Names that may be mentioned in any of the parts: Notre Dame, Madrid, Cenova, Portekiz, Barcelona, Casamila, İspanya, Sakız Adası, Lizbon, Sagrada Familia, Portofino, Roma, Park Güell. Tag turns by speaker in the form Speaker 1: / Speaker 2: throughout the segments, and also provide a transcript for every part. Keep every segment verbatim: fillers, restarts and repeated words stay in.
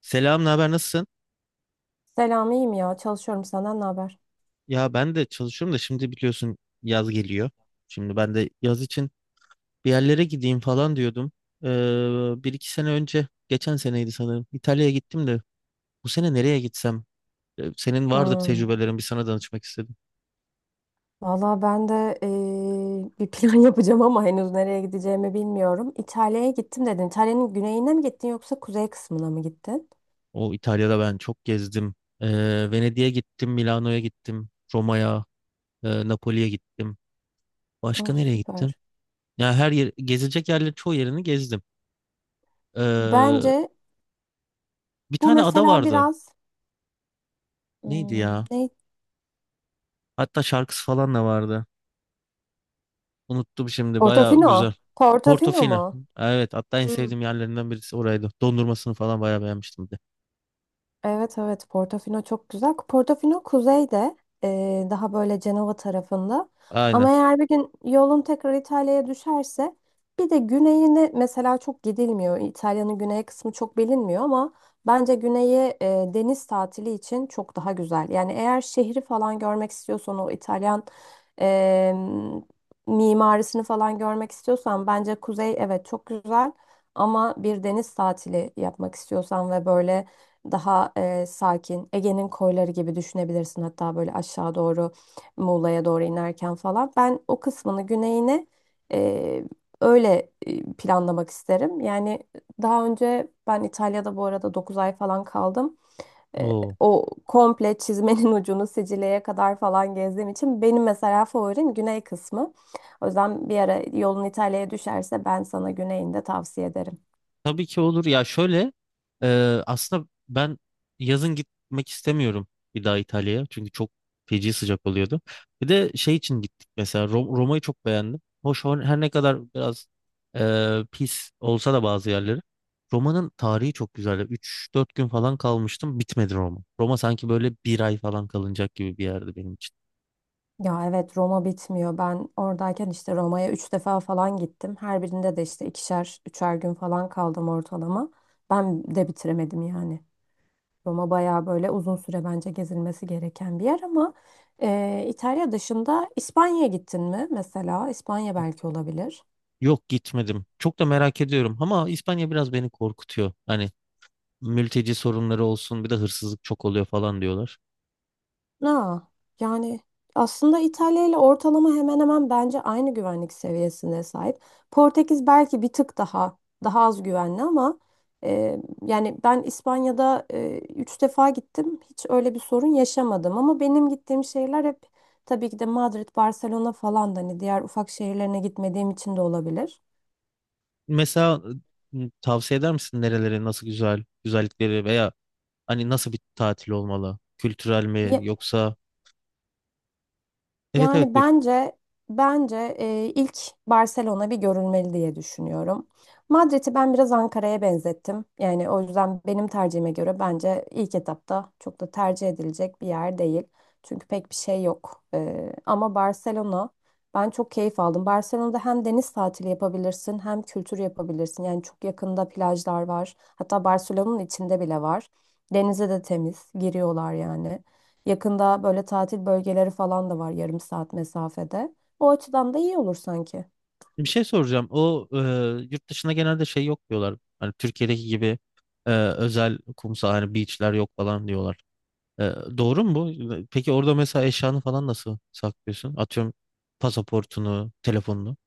Speaker 1: Selam, ne haber, nasılsın?
Speaker 2: Selam, iyiyim ya. Çalışıyorum. Senden ne haber?
Speaker 1: Ya ben de çalışıyorum da şimdi biliyorsun yaz geliyor. Şimdi ben de yaz için bir yerlere gideyim falan diyordum. Ee, bir iki sene önce, geçen seneydi sanırım. İtalya'ya gittim de bu sene nereye gitsem? Ee, Senin vardır
Speaker 2: Hmm.
Speaker 1: tecrübelerin, bir sana danışmak istedim.
Speaker 2: Valla ben de eee, bir plan yapacağım ama henüz nereye gideceğimi bilmiyorum. İtalya'ya gittim dedin. İtalya'nın güneyine mi gittin yoksa kuzey kısmına mı gittin?
Speaker 1: O İtalya'da ben çok gezdim. Ee, Venedik'e gittim, Milano'ya gittim, Roma'ya, e, Napoli'ye gittim. Başka
Speaker 2: Oh
Speaker 1: nereye gittim?
Speaker 2: süper.
Speaker 1: Ya her yer, gezilecek yerlerin çoğu yerini gezdim. Ee,
Speaker 2: Bence
Speaker 1: bir
Speaker 2: bu
Speaker 1: tane ada
Speaker 2: mesela
Speaker 1: vardı.
Speaker 2: biraz
Speaker 1: Neydi
Speaker 2: hmm,
Speaker 1: ya?
Speaker 2: ne?
Speaker 1: Hatta şarkısı falan da vardı. Unuttum şimdi. Baya
Speaker 2: Portofino.
Speaker 1: güzel.
Speaker 2: Portofino
Speaker 1: Portofino.
Speaker 2: mu?
Speaker 1: Evet. Hatta en sevdiğim yerlerinden birisi oraydı. Dondurmasını falan baya beğenmiştim bir de.
Speaker 2: Evet evet Portofino çok güzel. Portofino kuzeyde, eee, daha böyle Cenova tarafında. Ama
Speaker 1: Aynen.
Speaker 2: eğer bir gün yolun tekrar İtalya'ya düşerse bir de güneyine mesela çok gidilmiyor. İtalya'nın güney kısmı çok bilinmiyor ama bence güneyi, eee, deniz tatili için çok daha güzel. Yani eğer şehri falan görmek istiyorsan o İtalyan, eee, mimarisini falan görmek istiyorsan bence kuzey evet çok güzel. Ama bir deniz tatili yapmak istiyorsan ve böyle daha e, sakin. Ege'nin koyları gibi düşünebilirsin. Hatta böyle aşağı doğru Muğla'ya doğru inerken falan. Ben o kısmını güneyini e, öyle e, planlamak isterim. Yani daha önce ben İtalya'da bu arada dokuz ay falan kaldım. E,
Speaker 1: Oo.
Speaker 2: O komple çizmenin ucunu Sicilya'ya kadar falan gezdiğim için benim mesela favorim güney kısmı. O yüzden bir ara yolun İtalya'ya düşerse ben sana güneyini de tavsiye ederim.
Speaker 1: Tabii ki olur. Ya şöyle, e, aslında ben yazın gitmek istemiyorum bir daha İtalya'ya. Çünkü çok feci sıcak oluyordu. Bir de şey için gittik mesela, Ro- Roma'yı çok beğendim. Hoş her her ne kadar biraz e, pis olsa da bazı yerleri. Roma'nın tarihi çok güzel. Üç dört gün falan kalmıştım. Bitmedi Roma. Roma sanki böyle bir ay falan kalınacak gibi bir yerdi benim için.
Speaker 2: Ya evet Roma bitmiyor. Ben oradayken işte Roma'ya üç defa falan gittim. Her birinde de işte ikişer, üçer gün falan kaldım ortalama. Ben de bitiremedim yani. Roma bayağı böyle uzun süre bence gezilmesi gereken bir yer ama e, İtalya dışında İspanya'ya gittin mi mesela? İspanya belki olabilir.
Speaker 1: Yok, gitmedim. Çok da merak ediyorum ama İspanya biraz beni korkutuyor. Hani mülteci sorunları olsun, bir de hırsızlık çok oluyor falan diyorlar.
Speaker 2: Ha, yani aslında İtalya ile ortalama hemen hemen bence aynı güvenlik seviyesine sahip. Portekiz belki bir tık daha daha az güvenli ama e, yani ben İspanya'da e, üç defa gittim. Hiç öyle bir sorun yaşamadım ama benim gittiğim şehirler hep tabii ki de Madrid, Barcelona falan da hani diğer ufak şehirlerine gitmediğim için de olabilir.
Speaker 1: Mesela, m, tavsiye eder misin nerelere, nasıl güzel güzellikleri veya hani nasıl bir tatil olmalı? Kültürel mi, yoksa? Evet evet,
Speaker 2: Yani
Speaker 1: buyur.
Speaker 2: bence bence e, ilk Barcelona bir görülmeli diye düşünüyorum. Madrid'i ben biraz Ankara'ya benzettim. Yani o yüzden benim tercihime göre bence ilk etapta çok da tercih edilecek bir yer değil. Çünkü pek bir şey yok. E, ama Barcelona ben çok keyif aldım. Barcelona'da hem deniz tatili yapabilirsin hem kültür yapabilirsin. Yani çok yakında plajlar var. Hatta Barcelona'nın içinde bile var. Denize de temiz giriyorlar yani. Yakında böyle tatil bölgeleri falan da var yarım saat mesafede. O açıdan da iyi olur sanki.
Speaker 1: Bir şey soracağım. O e, yurt dışında genelde şey yok diyorlar. Hani Türkiye'deki gibi e, özel kumsal, hani beachler yok falan diyorlar. E, doğru mu bu? Peki orada mesela eşyanı falan nasıl saklıyorsun? Atıyorum, pasaportunu, telefonunu.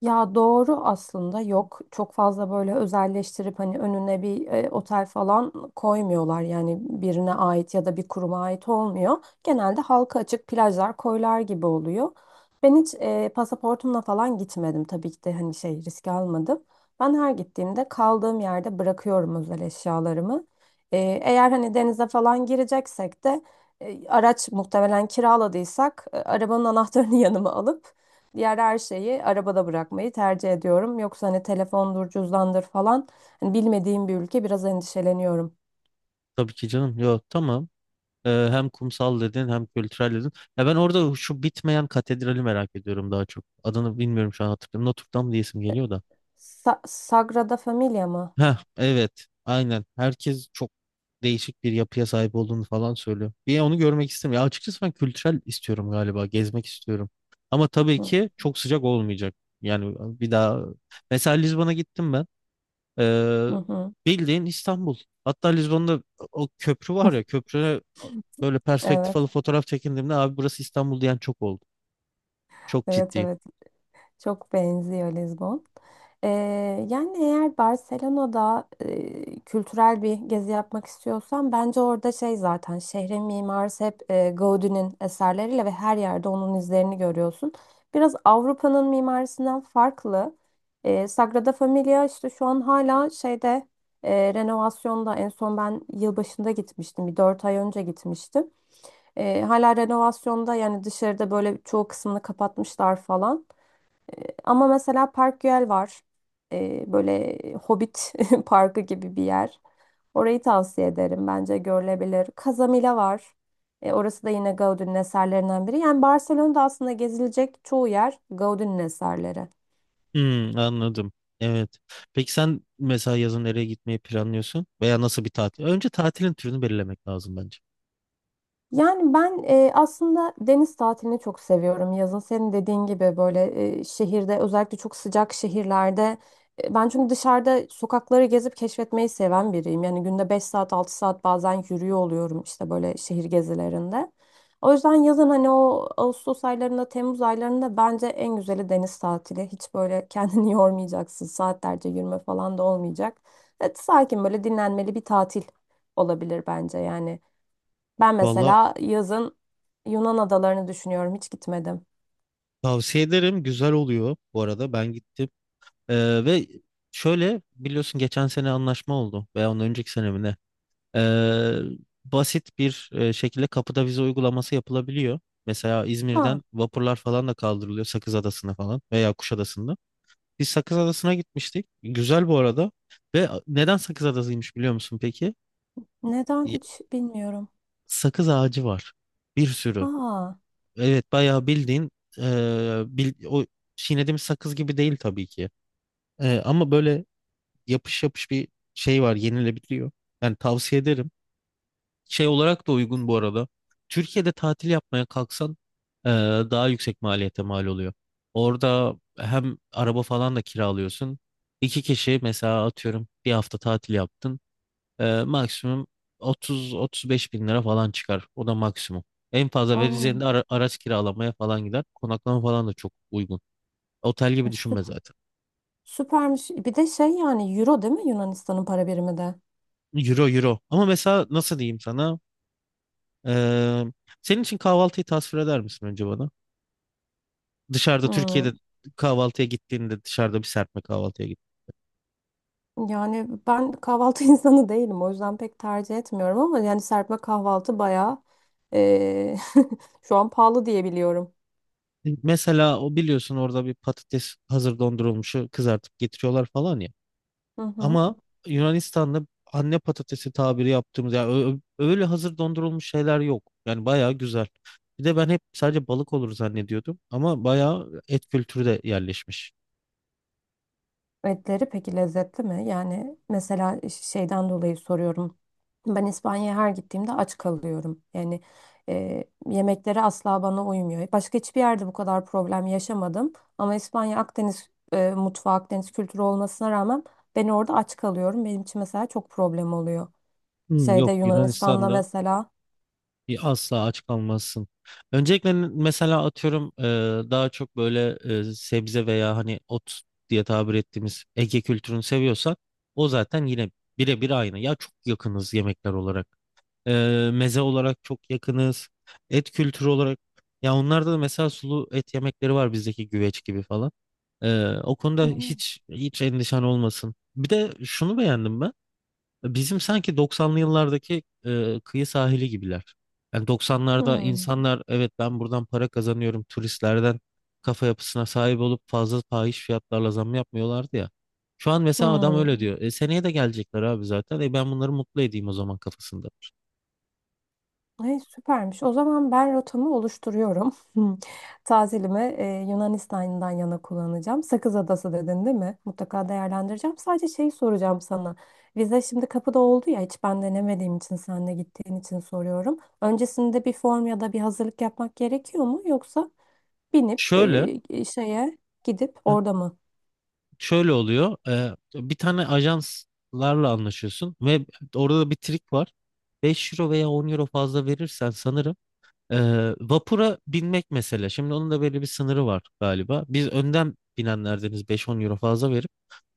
Speaker 2: Ya doğru aslında yok çok fazla böyle özelleştirip hani önüne bir e, otel falan koymuyorlar yani birine ait ya da bir kuruma ait olmuyor. Genelde halka açık plajlar koylar gibi oluyor. Ben hiç e, pasaportumla falan gitmedim tabii ki de hani şey risk almadım. Ben her gittiğimde kaldığım yerde bırakıyorum özel eşyalarımı. E, eğer hani denize falan gireceksek de e, araç muhtemelen kiraladıysak e, arabanın anahtarını yanıma alıp diğer her şeyi arabada bırakmayı tercih ediyorum. Yoksa hani telefondur, cüzdandır falan. Hani bilmediğim bir ülke biraz endişeleniyorum.
Speaker 1: Tabii ki canım. Yok, tamam. Ee, hem kumsal dedin, hem kültürel dedin. Ya ben orada şu bitmeyen katedrali merak ediyorum daha çok. Adını bilmiyorum şu an, hatırlıyorum. Notre Dame diyesim geliyor da.
Speaker 2: Sa- Sagrada Familia mı?
Speaker 1: Heh, evet aynen. Herkes çok değişik bir yapıya sahip olduğunu falan söylüyor. Bir onu görmek istemiyorum. Ya açıkçası ben kültürel istiyorum galiba. Gezmek istiyorum. Ama tabii
Speaker 2: Hı
Speaker 1: ki çok sıcak olmayacak. Yani bir daha. Mesela Lizbon'a gittim ben. Ee,
Speaker 2: hı, hı.
Speaker 1: bildiğin İstanbul. Hatta Lizbon'da o köprü var ya, köprüne böyle perspektif
Speaker 2: Evet,
Speaker 1: alıp fotoğraf çekindiğimde abi burası İstanbul diyen çok oldu. Çok
Speaker 2: evet,
Speaker 1: ciddi.
Speaker 2: evet. Çok benziyor Lizbon. Ee, Yani eğer Barcelona'da e, kültürel bir gezi yapmak istiyorsan bence orada şey zaten şehrin mimarisi hep e, Gauguin'in eserleriyle ve her yerde onun izlerini görüyorsun. Biraz Avrupa'nın mimarisinden farklı. Ee, Sagrada Familia işte şu an hala şeyde e, renovasyonda en son ben yılbaşında gitmiştim. Bir dört ay önce gitmiştim. Ee, hala renovasyonda yani dışarıda böyle çoğu kısmını kapatmışlar falan. Ama mesela Park Güell var. Ee, böyle Hobbit parkı gibi bir yer. Orayı tavsiye ederim. Bence görülebilir. Casamila var. Ee, orası da yine Gaudí'nin eserlerinden biri. Yani Barcelona'da aslında gezilecek çoğu yer Gaudí'nin eserleri.
Speaker 1: Hmm, anladım. Evet. Peki sen mesela yazın nereye gitmeyi planlıyorsun? Veya nasıl bir tatil? Önce tatilin türünü belirlemek lazım bence.
Speaker 2: Yani ben e, aslında deniz tatilini çok seviyorum yazın. Senin dediğin gibi böyle e, şehirde özellikle çok sıcak şehirlerde e, ben çünkü dışarıda sokakları gezip keşfetmeyi seven biriyim. Yani günde beş saat altı saat bazen yürüyor oluyorum işte böyle şehir gezilerinde. O yüzden yazın hani o Ağustos aylarında Temmuz aylarında bence en güzeli deniz tatili. Hiç böyle kendini yormayacaksın saatlerce yürüme falan da olmayacak. Evet, sakin böyle dinlenmeli bir tatil olabilir bence yani. Ben
Speaker 1: Valla
Speaker 2: mesela yazın Yunan adalarını düşünüyorum. Hiç gitmedim.
Speaker 1: tavsiye ederim. Güzel oluyor bu arada. Ben gittim. Ee, ve şöyle, biliyorsun, geçen sene anlaşma oldu. Veya ondan önceki sene mi ne? Ee, basit bir e, şekilde kapıda vize uygulaması yapılabiliyor. Mesela
Speaker 2: Ha,
Speaker 1: İzmir'den vapurlar falan da kaldırılıyor Sakız Adası'na falan, veya Kuşadası'nda. Biz Sakız Adası'na gitmiştik. Güzel bu arada. Ve neden Sakız Adası'ymış biliyor musun peki?
Speaker 2: neden
Speaker 1: Y-
Speaker 2: hiç bilmiyorum.
Speaker 1: Sakız ağacı var. Bir sürü.
Speaker 2: Aa,
Speaker 1: Evet bayağı bildiğin, e, bil- o çiğnediğimiz sakız gibi değil tabii ki. E, ama böyle yapış yapış bir şey var, yenilebiliyor. Yani tavsiye ederim. Şey olarak da uygun bu arada. Türkiye'de tatil yapmaya kalksan e, daha yüksek maliyete mal oluyor. Orada hem araba falan da kiralıyorsun. İki kişi mesela atıyorum bir hafta tatil yaptın. E, maksimum 30-35 bin lira falan çıkar. O da maksimum. En fazla vereceğin
Speaker 2: o,
Speaker 1: de ara- araç kiralamaya falan gider. Konaklama falan da çok uygun. Otel gibi düşünme zaten.
Speaker 2: süpermiş. Bir de şey yani euro değil mi Yunanistan'ın para birimi de?
Speaker 1: Euro euro. Ama mesela nasıl diyeyim sana? E, senin için kahvaltıyı tasvir eder misin önce bana? Dışarıda, Türkiye'de
Speaker 2: Hmm,
Speaker 1: kahvaltıya gittiğinde, dışarıda bir serpme kahvaltıya git.
Speaker 2: yani ben kahvaltı insanı değilim. O yüzden pek tercih etmiyorum ama yani serpme kahvaltı bayağı, eee, şu an pahalı diye biliyorum.
Speaker 1: Mesela o biliyorsun orada bir patates hazır dondurulmuşu kızartıp getiriyorlar falan ya.
Speaker 2: Hı hı.
Speaker 1: Ama Yunanistan'da anne patatesi tabiri yaptığımız ya, ö- ö- öyle hazır dondurulmuş şeyler yok. Yani bayağı güzel. Bir de ben hep sadece balık olur zannediyordum ama bayağı et kültürü de yerleşmiş.
Speaker 2: Etleri peki lezzetli mi? Yani mesela e, ş- şeyden dolayı soruyorum. Ben İspanya'ya her gittiğimde aç kalıyorum. Yani e, yemekleri asla bana uymuyor. Başka hiçbir yerde bu kadar problem yaşamadım. Ama İspanya Akdeniz e, mutfağı, Akdeniz kültürü olmasına rağmen ben orada aç kalıyorum. Benim için mesela çok problem oluyor.
Speaker 1: Hmm,
Speaker 2: Şeyde
Speaker 1: yok,
Speaker 2: Yunanistan'da
Speaker 1: Yunanistan'da,
Speaker 2: mesela.
Speaker 1: bir asla aç kalmazsın. Öncelikle, n- mesela atıyorum, e, daha çok böyle e, sebze veya hani ot diye tabir ettiğimiz Ege kültürünü seviyorsak o zaten yine birebir aynı. Ya çok yakınız yemekler olarak. E, meze olarak çok yakınız. Et kültürü olarak, ya onlarda da mesela sulu et yemekleri var bizdeki güveç gibi falan. E, o konuda
Speaker 2: Hmm,
Speaker 1: hiç hiç endişen olmasın. Bir de şunu beğendim ben. Bizim sanki doksanlı yıllardaki e, kıyı sahili gibiler. Yani doksanlarda
Speaker 2: hmm,
Speaker 1: insanlar, evet ben buradan para kazanıyorum turistlerden kafa yapısına sahip olup fazla fahiş fiyatlarla zam yapmıyorlardı ya. Şu an mesela adam
Speaker 2: hmm.
Speaker 1: öyle diyor. E, seneye de gelecekler abi zaten. E, ben bunları mutlu edeyim o zaman kafasında.
Speaker 2: Ay, süpermiş. O zaman ben rotamı oluşturuyorum. Tazilimi e, Yunanistan'dan yana kullanacağım. Sakız Adası dedin değil mi? Mutlaka değerlendireceğim. Sadece şey soracağım sana. Vize şimdi kapıda oldu ya hiç ben denemediğim için sen de gittiğin için soruyorum. Öncesinde bir form ya da bir hazırlık yapmak gerekiyor mu? Yoksa binip e,
Speaker 1: Şöyle
Speaker 2: e, şeye gidip orada mı?
Speaker 1: şöyle oluyor. E, bir tane ajanslarla anlaşıyorsun ve orada da bir trik var. beş euro veya on euro fazla verirsen sanırım. Ee, vapura binmek mesela. Şimdi onun da böyle bir sınırı var galiba. Biz önden binenlerdeniz, beş on euro fazla verip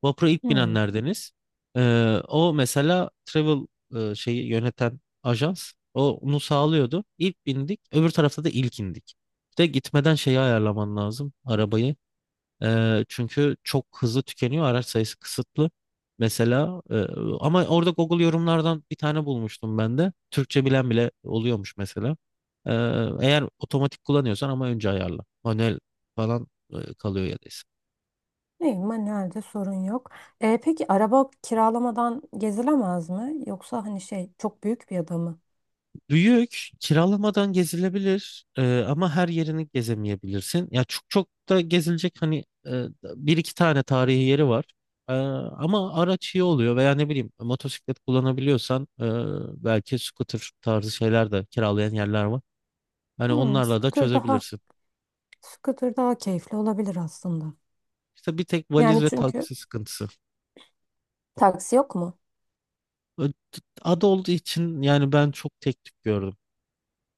Speaker 1: vapura ilk
Speaker 2: Hmm.
Speaker 1: binenlerdeniz. Ee, o mesela travel e, şeyi yöneten ajans, o onu sağlıyordu. İlk bindik, öbür tarafta da ilk indik. Bir de gitmeden şeyi ayarlaman lazım, arabayı. Eee, çünkü çok hızlı tükeniyor. Araç sayısı kısıtlı. Mesela, eee, ama orada Google yorumlardan bir tane bulmuştum ben de. Türkçe bilen bile oluyormuş mesela. Eee, eğer otomatik kullanıyorsan ama, önce ayarla. Manuel falan eee, kalıyor ya da.
Speaker 2: İyi, manuelde sorun yok. E, peki araba kiralamadan gezilemez mi? Yoksa hani şey çok büyük bir ada mı?
Speaker 1: Büyük, kiralamadan gezilebilir e, ama her yerini gezemeyebilirsin. Ya çok çok da gezilecek hani e, bir iki tane tarihi yeri var. E, ama araç iyi oluyor, veya ne bileyim motosiklet kullanabiliyorsan e, belki scooter tarzı şeyler de kiralayan yerler var. Hani
Speaker 2: Hmm,
Speaker 1: onlarla da
Speaker 2: scooter daha
Speaker 1: çözebilirsin.
Speaker 2: scooter daha keyifli olabilir aslında.
Speaker 1: İşte bir tek
Speaker 2: Yani
Speaker 1: valiz ve
Speaker 2: çünkü
Speaker 1: taksi sıkıntısı.
Speaker 2: taksi yok mu?
Speaker 1: Ö- Ada olduğu için, yani ben çok tek tük gördüm.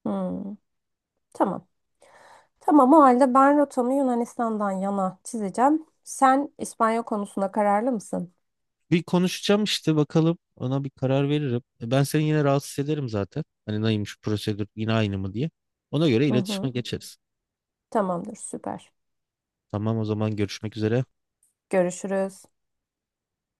Speaker 2: Hmm, tamam. Tamam o halde ben rotamı Yunanistan'dan yana çizeceğim. Sen İspanya konusunda kararlı mısın?
Speaker 1: Bir konuşacağım işte, bakalım ona bir karar veririm. E, Ben seni yine rahatsız ederim zaten. Hani neymiş prosedür, yine aynı mı diye. Ona göre
Speaker 2: Hı
Speaker 1: iletişime
Speaker 2: hı,
Speaker 1: geçeriz.
Speaker 2: tamamdır süper.
Speaker 1: Tamam, o zaman görüşmek üzere.
Speaker 2: Görüşürüz.